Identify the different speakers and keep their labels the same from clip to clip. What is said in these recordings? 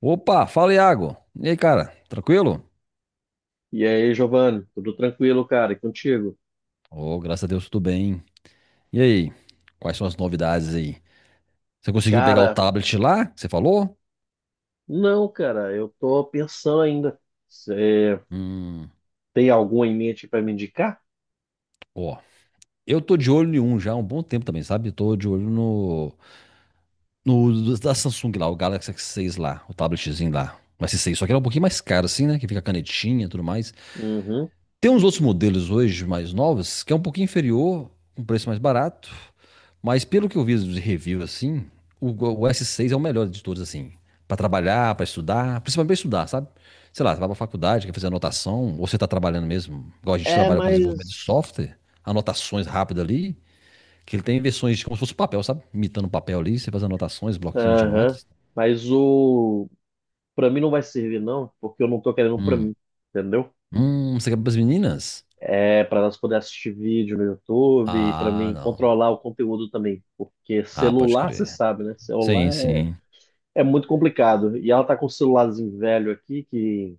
Speaker 1: Opa, fala Iago. E aí, cara? Tranquilo?
Speaker 2: E aí, Giovanni, tudo tranquilo, cara? E contigo?
Speaker 1: Oh, graças a Deus, tudo bem. E aí? Quais são as novidades aí? Você conseguiu pegar o
Speaker 2: Cara,
Speaker 1: tablet lá, que você falou?
Speaker 2: não, cara, eu tô pensando ainda. Você
Speaker 1: Hum,
Speaker 2: tem algum em mente para me indicar?
Speaker 1: ó. Eu tô de olho em um já há um bom tempo também, sabe? Tô de olho no da Samsung lá, o Galaxy S6 lá, o tabletzinho lá. O S6, só que ele é um pouquinho mais caro assim, né? Que fica a canetinha e tudo mais.
Speaker 2: Uhum.
Speaker 1: Tem uns outros modelos hoje mais novos que é um pouquinho inferior, um preço mais barato, mas pelo que eu vi de review assim, o S6 é o melhor de todos assim, para trabalhar, para estudar, principalmente para estudar, sabe? Sei lá, você vai para faculdade, quer fazer anotação, ou você tá trabalhando mesmo, igual a gente
Speaker 2: É,
Speaker 1: trabalha com desenvolvimento de
Speaker 2: mas.
Speaker 1: software, anotações rápidas ali, que ele tem versões como se fosse papel, sabe? Imitando papel ali, você faz anotações, bloquinhos de
Speaker 2: Aham.
Speaker 1: notas.
Speaker 2: Mas o. Pra mim não vai servir, não, porque eu não tô querendo um pra
Speaker 1: Hum,
Speaker 2: mim, entendeu?
Speaker 1: Você quer para as meninas?
Speaker 2: É pra nós poder assistir vídeo no YouTube e pra
Speaker 1: Ah,
Speaker 2: mim
Speaker 1: não.
Speaker 2: controlar o conteúdo também. Porque
Speaker 1: Ah, pode
Speaker 2: celular, você
Speaker 1: crer.
Speaker 2: sabe, né?
Speaker 1: Sim,
Speaker 2: Celular
Speaker 1: sim.
Speaker 2: é muito complicado. E ela tá com um celularzinho velho aqui que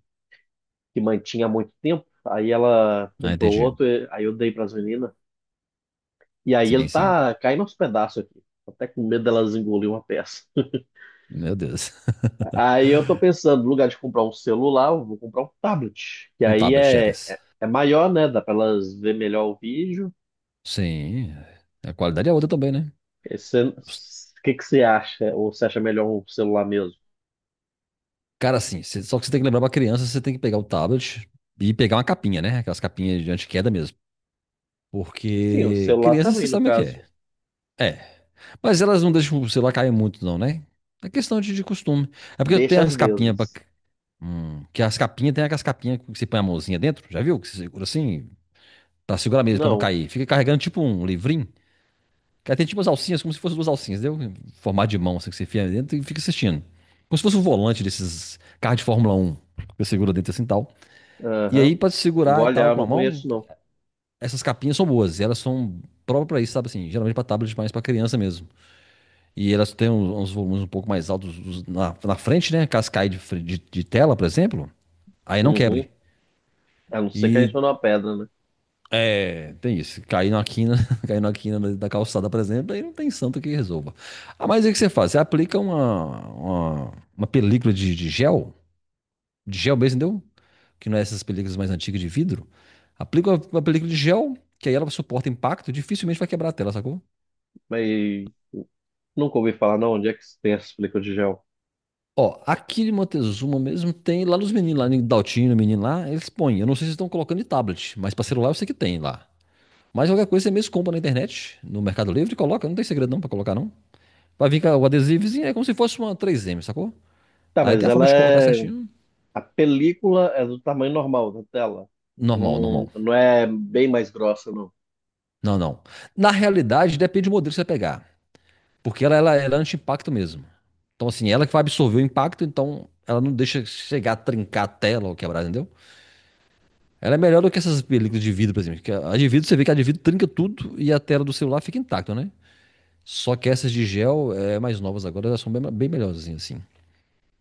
Speaker 2: que mantinha há muito tempo. Aí ela
Speaker 1: Ah,
Speaker 2: comprou
Speaker 1: entendi.
Speaker 2: outro, aí eu dei para as meninas. E aí
Speaker 1: Sim,
Speaker 2: ele
Speaker 1: sim.
Speaker 2: tá caindo aos pedaços aqui. Tô até com medo delas engolir uma peça.
Speaker 1: Meu Deus.
Speaker 2: Aí eu tô pensando, no lugar de comprar um celular, eu vou comprar um tablet. Que
Speaker 1: Um
Speaker 2: aí
Speaker 1: tablet
Speaker 2: é,
Speaker 1: Shatters.
Speaker 2: é, é maior, né? Dá para elas ver melhor o vídeo.
Speaker 1: Sim. A qualidade é outra também, né? Os-
Speaker 2: O que que você acha? Ou você acha melhor um celular mesmo?
Speaker 1: Cara, assim, só que você tem que lembrar pra criança, você tem que pegar o tablet e pegar uma capinha, né? Aquelas capinhas de anti-queda mesmo.
Speaker 2: Sim, o
Speaker 1: Porque
Speaker 2: celular
Speaker 1: criança, você
Speaker 2: também, no
Speaker 1: sabe o que
Speaker 2: caso.
Speaker 1: é. É. Mas elas não deixam o celular cair muito, não, né? É questão de costume. É porque eu
Speaker 2: Deixa
Speaker 1: tenho
Speaker 2: às
Speaker 1: as capinhas pra.
Speaker 2: vezes.
Speaker 1: Que as capinhas, tem aquelas capinhas que você põe a mãozinha dentro, já viu? Que você segura assim, pra segurar mesmo, pra não
Speaker 2: Não.
Speaker 1: cair. Fica carregando tipo um livrinho. Cara, tem tipo umas alcinhas, como se fossem duas alcinhas, deu? Formato de mão, assim, que você enfia dentro e fica assistindo. Como se fosse um volante desses carros de Fórmula 1. Você segura dentro assim e tal. E aí,
Speaker 2: Aham.
Speaker 1: pra se
Speaker 2: Vou
Speaker 1: segurar e tal
Speaker 2: olhar, eu
Speaker 1: com a
Speaker 2: não
Speaker 1: mão,
Speaker 2: conheço, não.
Speaker 1: essas capinhas são boas. E elas são próprias pra isso, sabe assim? Geralmente pra tablet, mas pra criança mesmo. E elas têm uns volumes um pouco mais altos na frente, né? Caso caia de tela, por exemplo, aí não
Speaker 2: Uhum.
Speaker 1: quebre.
Speaker 2: A não ser que a gente
Speaker 1: E
Speaker 2: for numa pedra, né?
Speaker 1: É, tem isso. Cair na quina, cair na quina da calçada, por exemplo, aí não tem santo que resolva. Ah, mas aí o que você faz? Você aplica uma película de gel, de gel mesmo, entendeu? Que não é essas películas mais antigas de vidro. Aplica uma película de gel, que aí ela suporta impacto, dificilmente vai quebrar a tela, sacou?
Speaker 2: Mas nunca ouvi falar, não. Onde é que tem essas películas de gel?
Speaker 1: Ó, aqui de Montezuma mesmo tem lá nos meninos, lá em Daltino, menino lá, eles põem. Eu não sei se estão colocando em tablet, mas pra celular eu sei que tem lá. Mas qualquer coisa você mesmo compra na internet, no Mercado Livre, e coloca, não tem segredo não pra colocar não. Pra vir com o adesivozinho, é como se fosse uma 3M, sacou?
Speaker 2: Tá,
Speaker 1: Aí tem
Speaker 2: mas
Speaker 1: a forma
Speaker 2: ela
Speaker 1: de colocar
Speaker 2: é.
Speaker 1: certinho.
Speaker 2: A película é do tamanho normal da tela.
Speaker 1: Normal,
Speaker 2: Não,
Speaker 1: normal.
Speaker 2: não é bem mais grossa, não.
Speaker 1: Não, não. Na realidade, depende do modelo que você pegar. Porque ela é anti-impacto mesmo. Então, assim, ela que vai absorver o impacto, então ela não deixa chegar a trincar a tela ou quebrar, entendeu? Ela é melhor do que essas películas de vidro, por exemplo. Que a de vidro, você vê que a de vidro trinca tudo e a tela do celular fica intacta, né? Só que essas de gel, é mais novas agora, elas são bem, bem melhores, assim.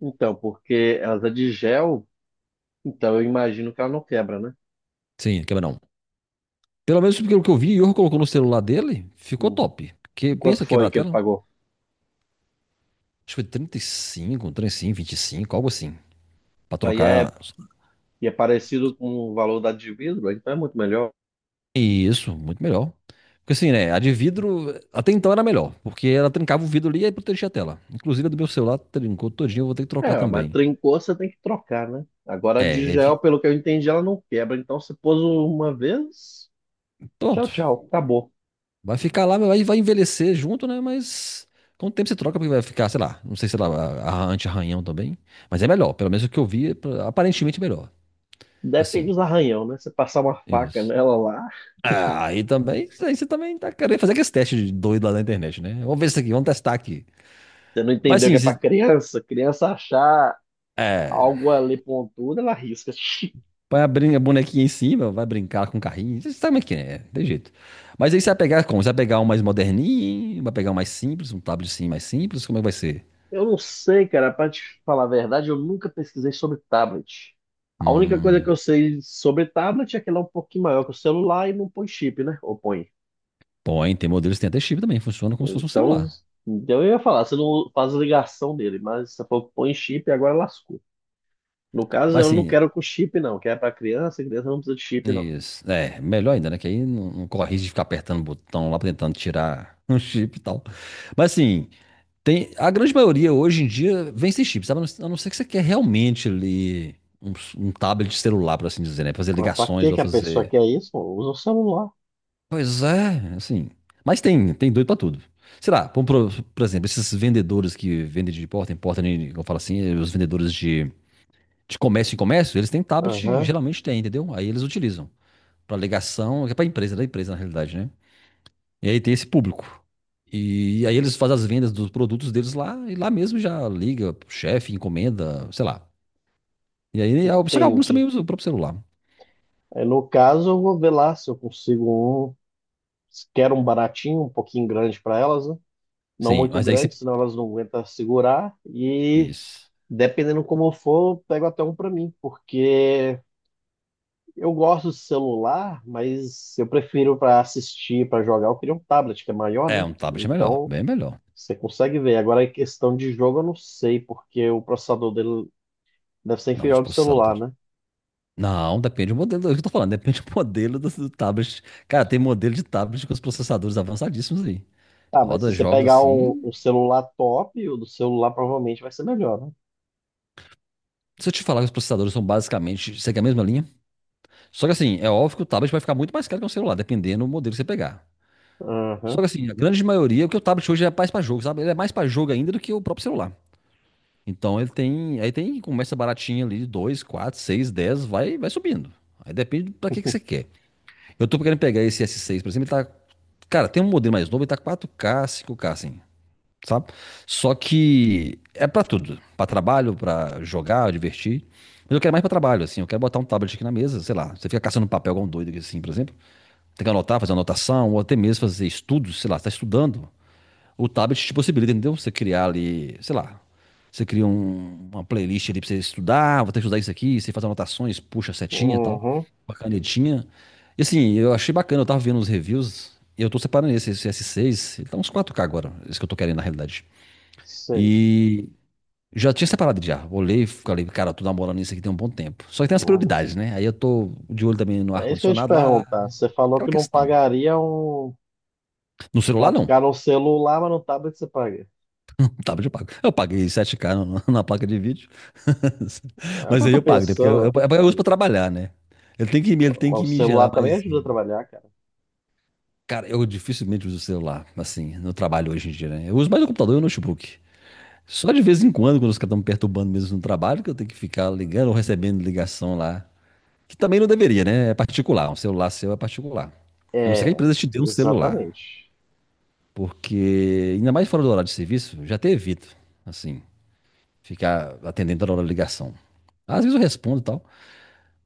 Speaker 2: Então, porque ela é de gel, então eu imagino que ela não quebra, né?
Speaker 1: Sim, quebra não. Pelo menos pelo que eu vi, o Iorgo colocou no celular dele, ficou
Speaker 2: Hum.
Speaker 1: top. Porque
Speaker 2: E quanto
Speaker 1: pensa quebrar
Speaker 2: foi
Speaker 1: a
Speaker 2: que ele
Speaker 1: tela. Acho
Speaker 2: pagou?
Speaker 1: que foi trinta e cinco, 35, 25, algo assim. Pra
Speaker 2: Aí é,
Speaker 1: trocar.
Speaker 2: e é parecido com o valor da de vidro, então é muito melhor.
Speaker 1: Isso, muito melhor. Porque assim, né? A de vidro, até então era melhor. Porque ela trincava o vidro ali e aí protegia a tela. Inclusive a do meu celular trincou todinho, eu vou ter que trocar
Speaker 2: É, mas
Speaker 1: também.
Speaker 2: trincou, você tem que trocar, né? Agora a de
Speaker 1: É, é
Speaker 2: gel,
Speaker 1: vi-
Speaker 2: pelo que eu entendi, ela não quebra. Então você pôs uma vez, tchau,
Speaker 1: Pronto.
Speaker 2: tchau, acabou.
Speaker 1: Vai ficar lá, vai envelhecer junto, né? Mas com o tempo você troca, porque vai ficar, sei lá, não sei se ela anti-arranhão também. Mas é melhor, pelo menos o que eu vi, é aparentemente melhor.
Speaker 2: Depende
Speaker 1: Assim,
Speaker 2: dos arranhão, né? Você passar uma faca
Speaker 1: isso.
Speaker 2: nela lá,
Speaker 1: Ah, aí também, isso aí você também tá querendo fazer aqueles testes de doido lá na internet, né? Vamos ver isso aqui, vamos testar aqui.
Speaker 2: você não
Speaker 1: Mas
Speaker 2: entendeu que
Speaker 1: sim
Speaker 2: é pra
Speaker 1: se,
Speaker 2: criança, criança achar
Speaker 1: é,
Speaker 2: algo ali pontudo, ela risca.
Speaker 1: Põe a bonequinha em cima, vai brincar com o carrinho, você sabe como é que é, tem jeito. Mas aí você vai pegar como? Você vai pegar um mais moderninho, vai pegar um mais simples, um tabletzinho mais simples, como é que vai ser?
Speaker 2: Eu não sei, cara, pra te falar a verdade, eu nunca pesquisei sobre tablet. A única coisa que
Speaker 1: Hum,
Speaker 2: eu sei sobre tablet é que ele é um pouquinho maior que o celular e não põe chip, né? Ou põe.
Speaker 1: Bom, hein, tem modelos que tem até chip também, funciona como se fosse um
Speaker 2: Então,
Speaker 1: celular.
Speaker 2: então, eu ia falar, você não faz ligação dele, mas você falou que põe chip e agora lascou. No caso,
Speaker 1: Mas
Speaker 2: eu não
Speaker 1: assim,
Speaker 2: quero com chip, não, que é pra criança, criança não precisa de chip, não.
Speaker 1: isso, é, melhor ainda, né? Que aí não corre risco de ficar apertando o botão lá, tentando tirar um chip e tal. Mas assim, tem, a grande maioria hoje em dia vem sem chip, sabe? A não ser que você quer realmente ali um tablet celular, por assim dizer, né? Fazer
Speaker 2: Pra
Speaker 1: ligações
Speaker 2: que
Speaker 1: ou
Speaker 2: que a pessoa
Speaker 1: fazer.
Speaker 2: quer isso? Usa o celular.
Speaker 1: Pois é, assim. Mas tem doido pra tudo. Sei lá, por exemplo, esses vendedores que vendem de porta em porta, né, como eu falo assim, os vendedores de comércio em comércio, eles têm tablet,
Speaker 2: Aham,
Speaker 1: geralmente tem, entendeu? Aí eles utilizam pra ligação, que é pra empresa, da empresa na realidade, né? E aí tem esse público. E aí eles fazem as vendas dos produtos deles lá, e lá mesmo já liga pro chefe, encomenda, sei lá. E aí, só que alguns também
Speaker 2: entendi.
Speaker 1: usam o próprio celular.
Speaker 2: Aí, no caso, eu vou ver lá se eu consigo um. Se Quero um baratinho, um pouquinho grande para elas, né? Não
Speaker 1: Sim,
Speaker 2: muito
Speaker 1: mas aí
Speaker 2: grande,
Speaker 1: você.
Speaker 2: senão elas não aguentam segurar. E
Speaker 1: Isso.
Speaker 2: dependendo como for, eu pego até um para mim, porque eu gosto de celular, mas eu prefiro para assistir, para jogar. Eu queria um tablet que é maior,
Speaker 1: É,
Speaker 2: né?
Speaker 1: um tablet é melhor,
Speaker 2: Então
Speaker 1: bem melhor.
Speaker 2: você consegue ver. Agora, em questão de jogo, eu não sei, porque o processador dele deve ser
Speaker 1: Não,
Speaker 2: inferior
Speaker 1: os
Speaker 2: ao do celular,
Speaker 1: processadores.
Speaker 2: né?
Speaker 1: Não, depende do modelo, é o que eu tô falando, depende do modelo do tablet. Cara, tem modelo de tablet com os processadores avançadíssimos aí.
Speaker 2: Ah, mas
Speaker 1: Roda
Speaker 2: se você
Speaker 1: jogos
Speaker 2: pegar um,
Speaker 1: assim.
Speaker 2: um celular top, o do celular provavelmente vai ser melhor, né?
Speaker 1: Se eu te falar que os processadores são basicamente, segue a mesma linha. Só que assim, é óbvio que o tablet vai ficar muito mais caro que um celular, dependendo do modelo que você pegar. Só
Speaker 2: Aham,
Speaker 1: que assim, a grande maioria, porque o tablet hoje é mais pra jogo, sabe? Ele é mais pra jogo ainda do que o próprio celular. Então ele tem, aí tem, começa baratinho ali, dois, quatro, seis, 10, vai subindo. Aí depende pra que que você quer. Eu tô querendo pegar esse S6, por exemplo, ele tá, cara, tem um modelo mais novo, ele tá 4K, 5K assim, sabe? Só que é pra tudo, pra trabalho, pra jogar, divertir. Mas eu quero mais pra trabalho, assim, eu quero botar um tablet aqui na mesa, sei lá, você fica caçando um papel igual um doido aqui assim, por exemplo, tem que anotar, fazer anotação, ou até mesmo fazer estudos, sei lá, você tá estudando. O tablet te possibilita, entendeu? Você criar ali, sei lá, você cria uma playlist ali pra você estudar. Ah, vou ter que estudar isso aqui, você faz anotações, puxa a setinha e tal,
Speaker 2: uhum,
Speaker 1: uma canetinha. E assim, eu achei bacana, eu tava vendo os reviews, e eu tô separando esse S6, ele tá uns 4K agora, esse que eu tô querendo na realidade.
Speaker 2: sei.
Speaker 1: E já tinha separado já, olhei e falei, cara, eu tô namorando isso aqui tem um bom tempo. Só que tem as
Speaker 2: Uhum.
Speaker 1: prioridades, né? Aí eu tô de olho também no
Speaker 2: É isso que eu ia te
Speaker 1: ar-condicionado lá,
Speaker 2: perguntar. Você falou
Speaker 1: aquela
Speaker 2: que não
Speaker 1: questão.
Speaker 2: pagaria um
Speaker 1: No celular
Speaker 2: 4K
Speaker 1: não,
Speaker 2: no celular, mas no tablet você paga.
Speaker 1: um tablet eu pago. Eu paguei 7K na placa de vídeo.
Speaker 2: É o que
Speaker 1: Mas
Speaker 2: eu
Speaker 1: aí
Speaker 2: tô
Speaker 1: eu pago, né? Porque eu, eu,
Speaker 2: pensando.
Speaker 1: eu uso pra trabalhar, né? Ele tem que, me- ele tem
Speaker 2: O
Speaker 1: que me
Speaker 2: celular
Speaker 1: gerar
Speaker 2: também
Speaker 1: mais
Speaker 2: ajuda a
Speaker 1: renda.
Speaker 2: trabalhar, cara.
Speaker 1: Cara, eu dificilmente uso o celular, assim, no trabalho hoje em dia, né? Eu uso mais o computador e o notebook. Só de vez em quando, quando os caras estão me perturbando mesmo no trabalho, que eu tenho que ficar ligando ou recebendo ligação lá. Que também não deveria, né? É particular. Um celular seu é particular. A não ser que a
Speaker 2: É,
Speaker 1: empresa te dê um celular.
Speaker 2: exatamente.
Speaker 1: Porque, ainda mais fora do horário de serviço, já até evito, assim, ficar atendendo toda hora a ligação. Às vezes eu respondo e tal,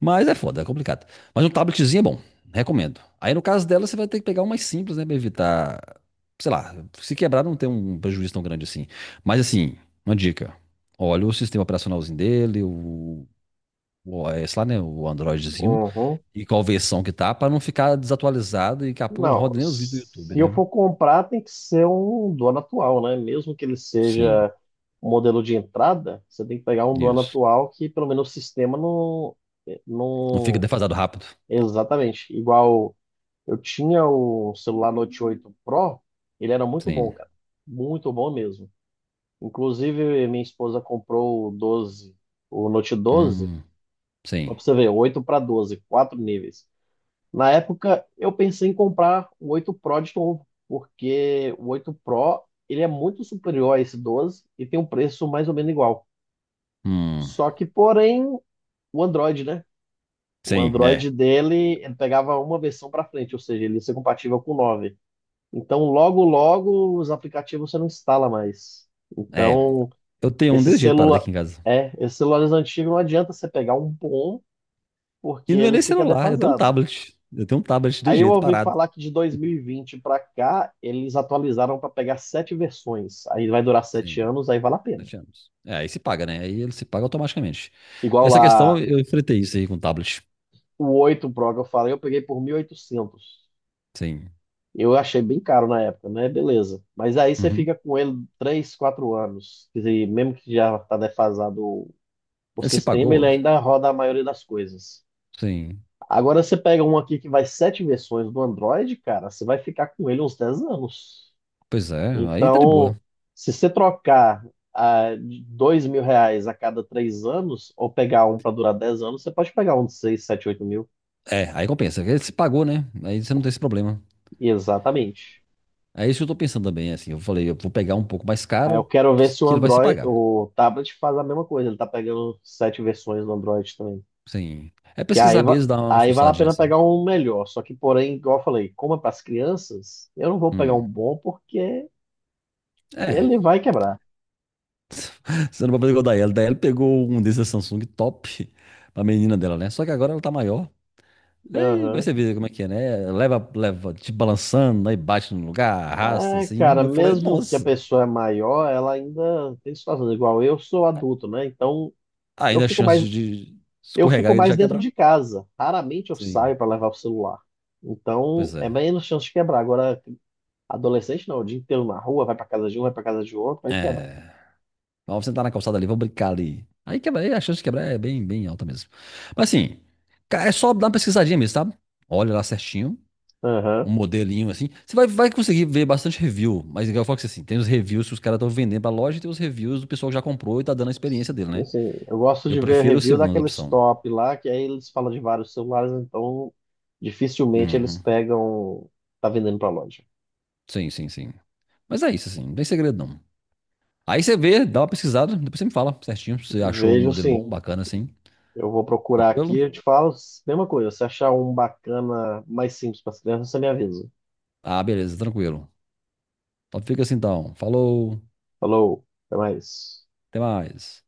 Speaker 1: mas é foda, é complicado. Mas um tabletzinho é bom, recomendo. Aí no caso dela, você vai ter que pegar um mais simples, né, pra evitar, sei lá, se quebrar não tem um prejuízo tão grande assim. Mas assim, uma dica, olha o sistema operacionalzinho dele, o OS lá, né, o Androidzinho,
Speaker 2: Uhum.
Speaker 1: e qual versão que tá, pra não ficar desatualizado e daqui a pouco não
Speaker 2: Não,
Speaker 1: roda nem os vídeos do YouTube,
Speaker 2: se eu
Speaker 1: né?
Speaker 2: for comprar, tem que ser um dono atual, né? Mesmo que ele
Speaker 1: Sim,
Speaker 2: seja modelo de entrada, você tem que pegar um do ano
Speaker 1: isso.
Speaker 2: atual que pelo menos o sistema não,
Speaker 1: Não fica
Speaker 2: não
Speaker 1: defasado rápido.
Speaker 2: exatamente igual eu tinha o celular Note 8 Pro, ele era muito bom,
Speaker 1: Sim.
Speaker 2: cara, muito bom mesmo. Inclusive minha esposa comprou o Note 12,
Speaker 1: Hum,
Speaker 2: mas
Speaker 1: sim.
Speaker 2: pra você ver, 8 para 12 quatro níveis. Na época eu pensei em comprar o 8 Pro de novo, porque o 8 Pro ele é muito superior a esse 12 e tem um preço mais ou menos igual.
Speaker 1: Hum,
Speaker 2: Só que, porém, o Android, né? O
Speaker 1: sim, é.
Speaker 2: Android dele, ele pegava uma versão para frente, ou seja, ele ia ser compatível com o 9. Então, logo, logo, os aplicativos você não instala mais.
Speaker 1: É,
Speaker 2: Então,
Speaker 1: eu tenho um
Speaker 2: esse
Speaker 1: desse jeito parado
Speaker 2: celular,
Speaker 1: aqui em casa.
Speaker 2: é, esses celulares antigos não adianta você pegar um bom,
Speaker 1: E
Speaker 2: porque
Speaker 1: não é
Speaker 2: ele
Speaker 1: nem
Speaker 2: fica
Speaker 1: celular, eu tenho um
Speaker 2: defasado.
Speaker 1: tablet. Eu tenho um tablet de
Speaker 2: Aí eu
Speaker 1: jeito
Speaker 2: ouvi
Speaker 1: parado.
Speaker 2: falar que de 2020 para cá, eles atualizaram para pegar sete versões. Aí vai durar sete
Speaker 1: Sim,
Speaker 2: anos, aí vale a pena.
Speaker 1: 7 anos. É, aí se paga, né? Aí ele se paga automaticamente.
Speaker 2: Igual
Speaker 1: Essa questão,
Speaker 2: lá,
Speaker 1: eu enfrentei isso aí com o tablet.
Speaker 2: o 8 Pro que eu falei, eu peguei por 1.800.
Speaker 1: Sim.
Speaker 2: Eu achei bem caro na época, né? Beleza. Mas aí você
Speaker 1: Uhum.
Speaker 2: fica com ele 3, 4 anos. Quer dizer, mesmo que já está defasado o
Speaker 1: Ele se
Speaker 2: sistema, ele
Speaker 1: pagou?
Speaker 2: ainda roda a maioria das coisas.
Speaker 1: Sim.
Speaker 2: Agora você pega um aqui que vai sete versões do Android, cara, você vai ficar com ele uns 10 anos.
Speaker 1: Pois é, aí tá de
Speaker 2: Então,
Speaker 1: boa.
Speaker 2: se você trocar de R$ 2.000 a cada 3 anos, ou pegar um para durar 10 anos, você pode pegar um de 6, 7, 8 mil.
Speaker 1: É, aí compensa. Ele se pagou, né? Aí você não tem esse problema.
Speaker 2: Exatamente.
Speaker 1: É isso que eu tô pensando também, assim. Eu falei, eu vou pegar um pouco mais
Speaker 2: Aí eu
Speaker 1: caro,
Speaker 2: quero ver se o
Speaker 1: que ele vai se
Speaker 2: Android,
Speaker 1: pagar.
Speaker 2: o tablet faz a mesma coisa. Ele tá pegando sete versões do Android também.
Speaker 1: Sim. É
Speaker 2: Que aí,
Speaker 1: pesquisar mesmo, dar uma
Speaker 2: aí vale a
Speaker 1: forçadinha
Speaker 2: pena
Speaker 1: assim.
Speaker 2: pegar um melhor. Só que, porém, igual eu falei, como é para as crianças, eu não vou pegar um
Speaker 1: Hum.
Speaker 2: bom porque
Speaker 1: É,
Speaker 2: ele vai quebrar.
Speaker 1: você não pode fazer igual da Ellie. Da Ellie pegou um desses Samsung top pra menina dela, né? Só que agora ela tá maior. Aí vai
Speaker 2: Aham.
Speaker 1: você ver como é que é, né? Leva, leva, te balançando, aí bate no lugar, arrasta
Speaker 2: É,
Speaker 1: assim. E
Speaker 2: cara,
Speaker 1: eu falei,
Speaker 2: mesmo que a
Speaker 1: nossa,
Speaker 2: pessoa é maior, ela ainda tem situações igual eu sou adulto, né? Então
Speaker 1: tá
Speaker 2: eu
Speaker 1: ainda a
Speaker 2: fico
Speaker 1: chance
Speaker 2: mais
Speaker 1: de
Speaker 2: eu fico
Speaker 1: escorregar e
Speaker 2: mais
Speaker 1: deixar
Speaker 2: dentro
Speaker 1: quebrar.
Speaker 2: de casa. Raramente eu
Speaker 1: Sim,
Speaker 2: saio para levar o celular. Então
Speaker 1: pois
Speaker 2: é
Speaker 1: é.
Speaker 2: menos chance de quebrar. Agora, adolescente não, o dia inteiro na rua, vai pra casa de um, vai pra casa de outro, vai quebra.
Speaker 1: É. Vamos sentar na calçada ali, vamos brincar ali. Aí quebra, aí a chance de quebrar é bem, bem alta mesmo. Mas assim, é só dar uma pesquisadinha mesmo, tá? Olha lá certinho. Um
Speaker 2: Aham.
Speaker 1: modelinho assim. Você vai conseguir ver bastante review, mas eu falo que assim, tem os reviews que os caras estão vendendo pra loja e tem os reviews do pessoal que já comprou e tá dando a experiência dele,
Speaker 2: E
Speaker 1: né?
Speaker 2: assim, eu gosto
Speaker 1: Eu
Speaker 2: de ver
Speaker 1: prefiro a
Speaker 2: review
Speaker 1: segunda
Speaker 2: daqueles
Speaker 1: opção.
Speaker 2: top lá, que aí eles falam de vários celulares, então dificilmente eles
Speaker 1: Uhum.
Speaker 2: pegam, tá vendendo pra loja.
Speaker 1: Sim, sim, sim. Mas é isso, assim, não tem segredo não. Aí você vê, dá uma pesquisada, depois você me fala certinho se você achou um
Speaker 2: Vejo
Speaker 1: modelo
Speaker 2: sim,
Speaker 1: bom, bacana assim.
Speaker 2: eu vou procurar
Speaker 1: Tranquilo?
Speaker 2: aqui, eu te falo, mesma coisa, se achar um bacana mais simples para as crianças, você me avisa.
Speaker 1: Ah, beleza, tranquilo. Então fica assim então. Falou,
Speaker 2: Falou, até mais.
Speaker 1: até mais.